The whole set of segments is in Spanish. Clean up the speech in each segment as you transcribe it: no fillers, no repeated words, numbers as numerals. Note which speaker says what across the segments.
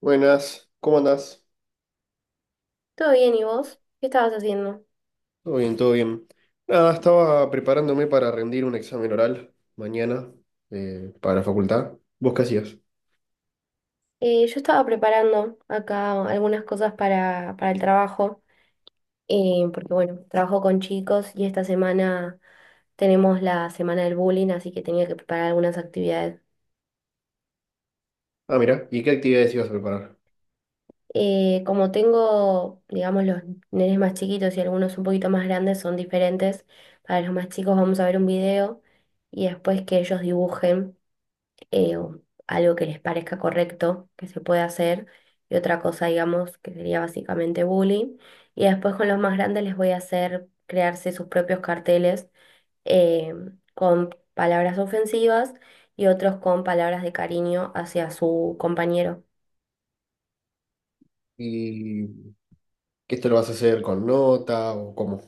Speaker 1: Buenas, ¿cómo andás?
Speaker 2: Todo bien, ¿y vos? ¿Qué estabas haciendo?
Speaker 1: Todo bien, todo bien. Nada, estaba preparándome para rendir un examen oral mañana para la facultad. ¿Vos qué hacías?
Speaker 2: Yo estaba preparando acá algunas cosas para el trabajo, porque bueno, trabajo con chicos y esta semana tenemos la semana del bullying, así que tenía que preparar algunas actividades.
Speaker 1: Ah, mira, ¿y qué actividades ibas a preparar?
Speaker 2: Como tengo, digamos, los nenes más chiquitos y algunos un poquito más grandes son diferentes, para los más chicos vamos a ver un video y después que ellos dibujen. O algo que les parezca correcto que se pueda hacer, y otra cosa, digamos, que sería básicamente bullying. Y después con los más grandes les voy a hacer crearse sus propios carteles eh, con palabras ofensivas y otros con palabras de cariño hacia su compañero.
Speaker 1: ¿Y qué esto lo vas a hacer con nota o cómo?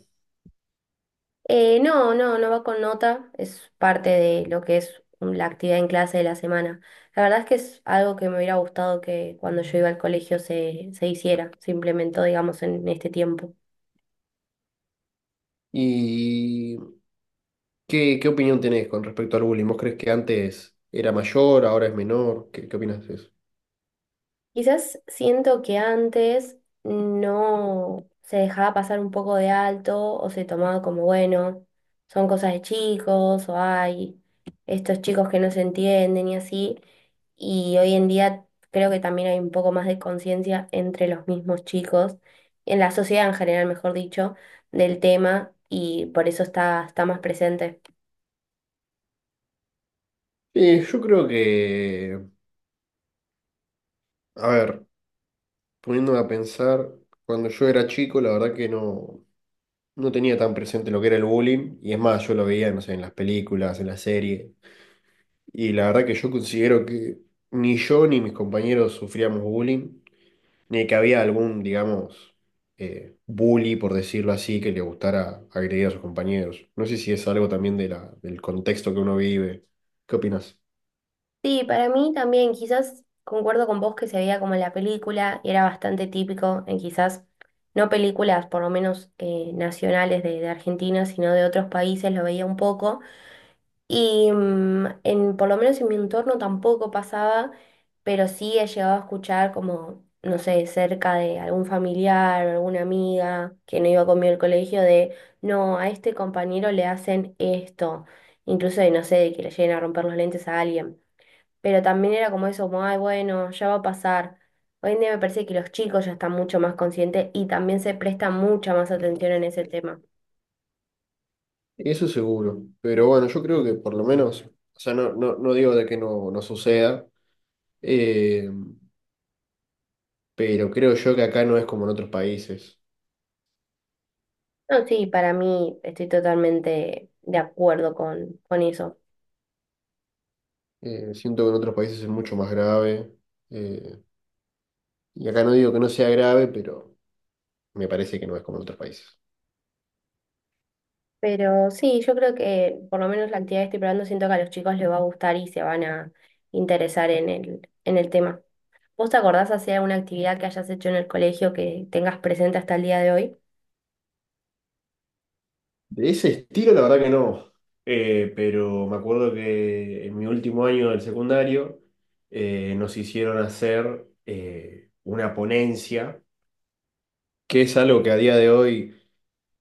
Speaker 2: No, no, no va con nota, es parte de lo que es la actividad en clase de la semana. La verdad es que es algo que me hubiera gustado que cuando yo iba al colegio se hiciera, se implementó, digamos, en este tiempo.
Speaker 1: ¿Y qué opinión tenés con respecto al bullying? ¿Vos crees que antes era mayor, ahora es menor? ¿Qué opinás de eso?
Speaker 2: Quizás siento que antes no se dejaba pasar un poco de alto o se tomaba como, bueno, son cosas de chicos o hay estos chicos que no se entienden y así. Y hoy en día creo que también hay un poco más de conciencia entre los mismos chicos, en la sociedad en general, mejor dicho, del tema y por eso está más presente.
Speaker 1: Sí, yo creo que, a ver. Poniéndome a pensar, cuando yo era chico, la verdad que no tenía tan presente lo que era el bullying, y es más, yo lo veía, no sé, en las películas, en las series, y la verdad que yo considero que ni yo ni mis compañeros sufríamos bullying, ni que había algún, digamos, bully, por decirlo así, que le gustara agredir a sus compañeros. No sé si es algo también de del contexto que uno vive. ¿Qué opinas?
Speaker 2: Sí, para mí también, quizás concuerdo con vos que se veía como en la película y era bastante típico en quizás, no películas por lo menos nacionales de Argentina, sino de otros países, lo veía un poco. Y por lo menos en mi entorno tampoco pasaba, pero sí he llegado a escuchar como, no sé, cerca de algún familiar o alguna amiga que no iba conmigo al colegio de, no, a este compañero le hacen esto, incluso de, no sé, de que le lleguen a romper los lentes a alguien pero también era como eso, como, ay, bueno, ya va a pasar. Hoy en día me parece que los chicos ya están mucho más conscientes y también se presta mucha más atención en ese tema.
Speaker 1: Eso seguro, pero bueno, yo creo que por lo menos, o sea, no, no, no digo de que no, no suceda. Eh, pero creo yo que acá no es como en otros países.
Speaker 2: No, sí, para mí estoy totalmente de acuerdo con eso.
Speaker 1: Siento que en otros países es mucho más grave. eh, y acá no digo que no sea grave, pero me parece que no es como en otros países.
Speaker 2: Pero sí, yo creo que por lo menos la actividad que estoy probando siento que a los chicos les va a gustar y se van a interesar en en el tema. ¿Vos te acordás hacer alguna actividad que hayas hecho en el colegio que tengas presente hasta el día de hoy?
Speaker 1: De ese estilo, la verdad que no. Pero me acuerdo que en mi último año del secundario nos hicieron hacer una ponencia, que es algo que a día de hoy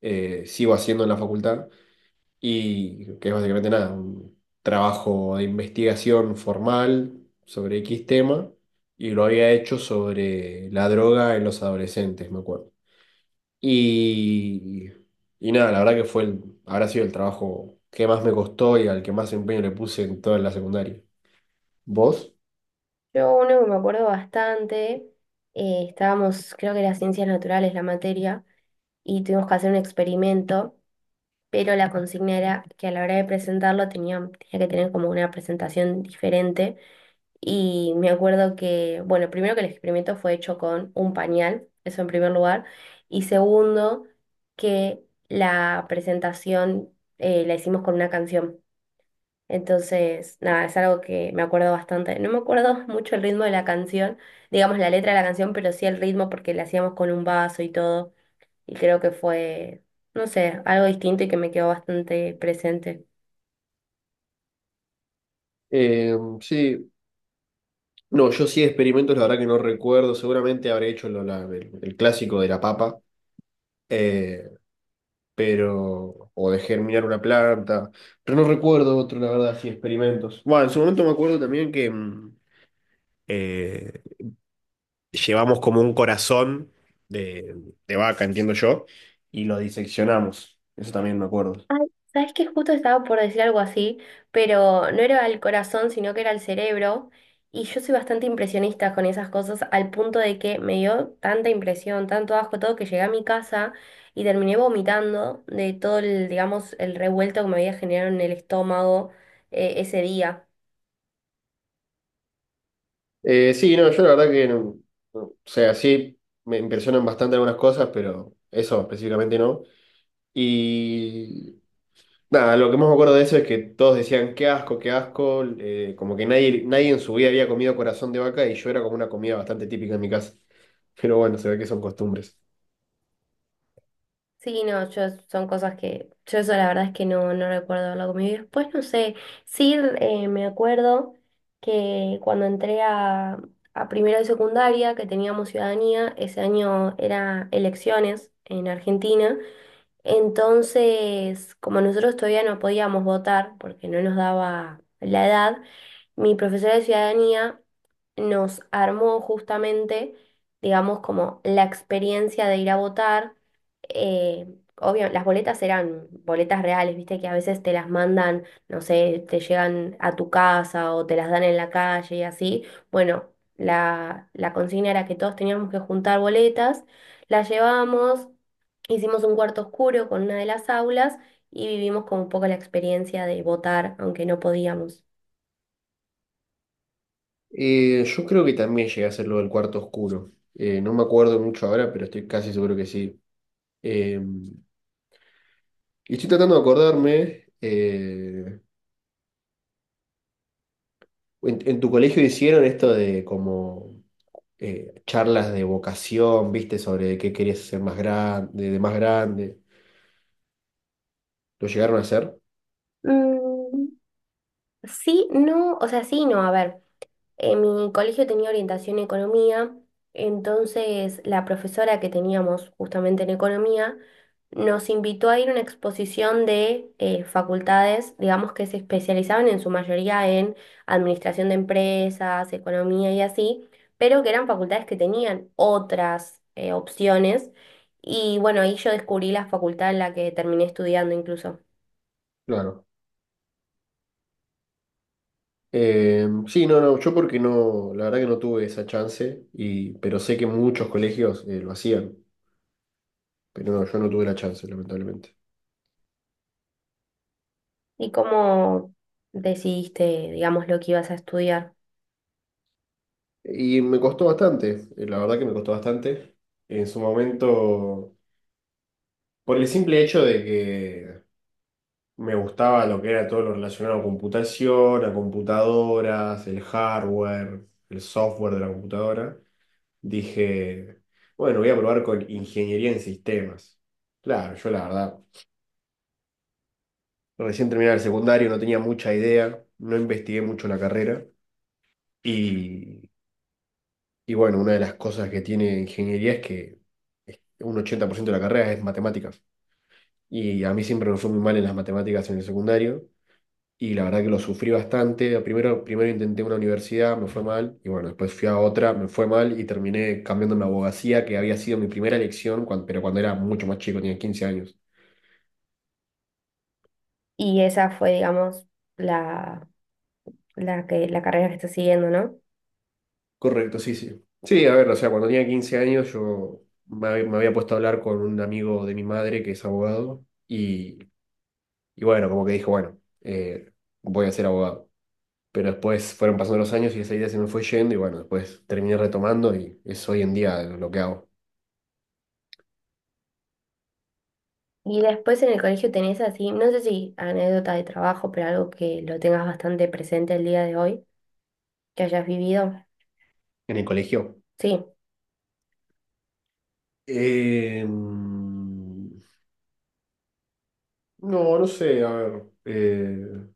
Speaker 1: sigo haciendo en la facultad y que es básicamente nada, un trabajo de investigación formal sobre X tema, y lo había hecho sobre la droga en los adolescentes, me acuerdo. Y, y nada, la verdad que fue el, habrá sido el trabajo que más me costó y al que más empeño le puse en toda la secundaria. ¿Vos?
Speaker 2: Yo uno que me acuerdo bastante, estábamos, creo que era ciencias naturales la materia, y tuvimos que hacer un experimento, pero la consigna era que a la hora de presentarlo tenía que tener como una presentación diferente. Y me acuerdo que, bueno, primero que el experimento fue hecho con un pañal, eso en primer lugar, y segundo que la presentación la hicimos con una canción. Entonces, nada, es algo que me acuerdo bastante. No me acuerdo mucho el ritmo de la canción, digamos la letra de la canción, pero sí el ritmo porque la hacíamos con un vaso y todo. Y creo que fue, no sé, algo distinto y que me quedó bastante presente.
Speaker 1: Eh, sí, no, yo sí experimentos, la verdad que no recuerdo, seguramente habré hecho el clásico de la papa. Eh, pero, o de germinar una planta, pero no recuerdo otro, la verdad, así experimentos. Bueno, en su momento me acuerdo también que eh, llevamos como un corazón de, de vaca, entiendo yo, y lo diseccionamos, eso también me acuerdo.
Speaker 2: Ay, sabes que justo estaba por decir algo así, pero no era al corazón, sino que era al cerebro. Y yo soy bastante impresionista con esas cosas, al punto de que me dio tanta impresión, tanto asco todo, que llegué a mi casa y terminé vomitando de todo el, digamos, el revuelto que me había generado en el estómago ese día.
Speaker 1: Sí, no, yo la verdad que, no, o sea, sí, me impresionan bastante algunas cosas, pero eso específicamente no. Y nada, lo que más me acuerdo de eso es que todos decían, qué asco, como que nadie en su vida había comido corazón de vaca y yo era como una comida bastante típica en mi casa. Pero bueno, se ve que son costumbres.
Speaker 2: Sí, no, yo son cosas que yo eso la verdad es que no, no recuerdo haberlo comido. Después, no sé, sí me acuerdo que cuando entré a primero de secundaria, que teníamos ciudadanía, ese año era elecciones en Argentina entonces, como nosotros todavía no podíamos votar porque no nos daba la edad, mi profesora de ciudadanía nos armó justamente, digamos, como la experiencia de ir a votar. Eh, Obvio, las boletas eran boletas reales, viste que a veces te las mandan, no sé, te llegan a tu casa o te las dan en la calle y así. Bueno, la consigna era que todos teníamos que juntar boletas, las llevábamos. Hicimos un cuarto oscuro con una de las aulas y vivimos como un poco la experiencia de votar, aunque no podíamos.
Speaker 1: Yo creo que también llegué a hacer lo del cuarto oscuro. No me acuerdo mucho ahora, pero estoy casi seguro que sí. Eh, y estoy tratando de acordarme, en tu colegio hicieron esto de como charlas de vocación, viste, sobre qué querías ser más grande, de más grande. ¿Lo llegaron a hacer?
Speaker 2: Mm, sí, no, o sea, sí, no, a ver. En mi colegio tenía orientación en economía, entonces la profesora que teníamos justamente en economía nos invitó a ir a una exposición de facultades, digamos que se especializaban en su mayoría en administración de empresas, economía y así, pero que eran facultades que tenían otras opciones. Y bueno, ahí yo descubrí la facultad en la que terminé estudiando incluso.
Speaker 1: Claro. Sí, no, no, yo porque no, la verdad que no tuve esa chance, pero sé que muchos colegios lo hacían, pero no, yo no tuve la chance, lamentablemente.
Speaker 2: ¿Y cómo decidiste, digamos, lo que ibas a estudiar?
Speaker 1: Y me costó bastante, la verdad que me costó bastante. En su momento, por el simple hecho de que me gustaba lo que era todo lo relacionado a computación, a computadoras, el hardware, el software de la computadora, dije, bueno, voy a probar con ingeniería en sistemas. Claro, yo la verdad. Recién terminé el secundario, no tenía mucha idea, no investigué mucho la carrera. Y, y bueno, una de las cosas que tiene ingeniería es que un 80% de la carrera es matemáticas. Y a mí siempre me fue muy mal en las matemáticas en el secundario. Y la verdad que lo sufrí bastante. Primero, primero intenté una universidad, me fue mal. Y bueno, después fui a otra, me fue mal. Y terminé cambiándome a abogacía, que había sido mi primera elección, pero cuando era mucho más chico, tenía 15 años.
Speaker 2: Y esa fue, digamos, la, la carrera que estás siguiendo, ¿no?
Speaker 1: Correcto, sí, sí. Sí, a ver, o sea, cuando tenía 15 años yo me había puesto a hablar con un amigo de mi madre que es abogado y bueno, como que dijo, bueno, voy a ser abogado. Pero después fueron pasando los años y esa idea se me fue yendo y bueno, después terminé retomando y es hoy en día lo que hago
Speaker 2: Y después en el colegio tenés así, no sé si anécdota de trabajo, pero algo que lo tengas bastante presente el día de hoy, que hayas vivido.
Speaker 1: en el colegio.
Speaker 2: Sí.
Speaker 1: No, no sé, a ver.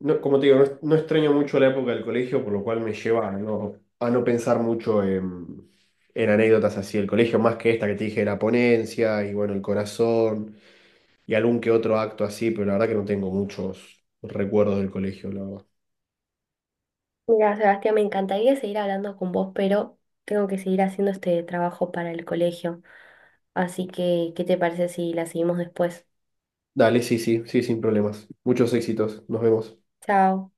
Speaker 1: No, como te digo, no extraño mucho la época del colegio, por lo cual me lleva a no pensar mucho en, anécdotas así del colegio, más que esta que te dije de la ponencia y bueno, el corazón y algún que otro acto así, pero la verdad que no tengo muchos recuerdos del colegio, la verdad.
Speaker 2: Mira, Sebastián, me encantaría seguir hablando con vos, pero tengo que seguir haciendo este trabajo para el colegio. Así que, ¿qué te parece si la seguimos después?
Speaker 1: Dale, sí, sí, sí, sin problemas. Muchos éxitos. Nos vemos.
Speaker 2: Chao.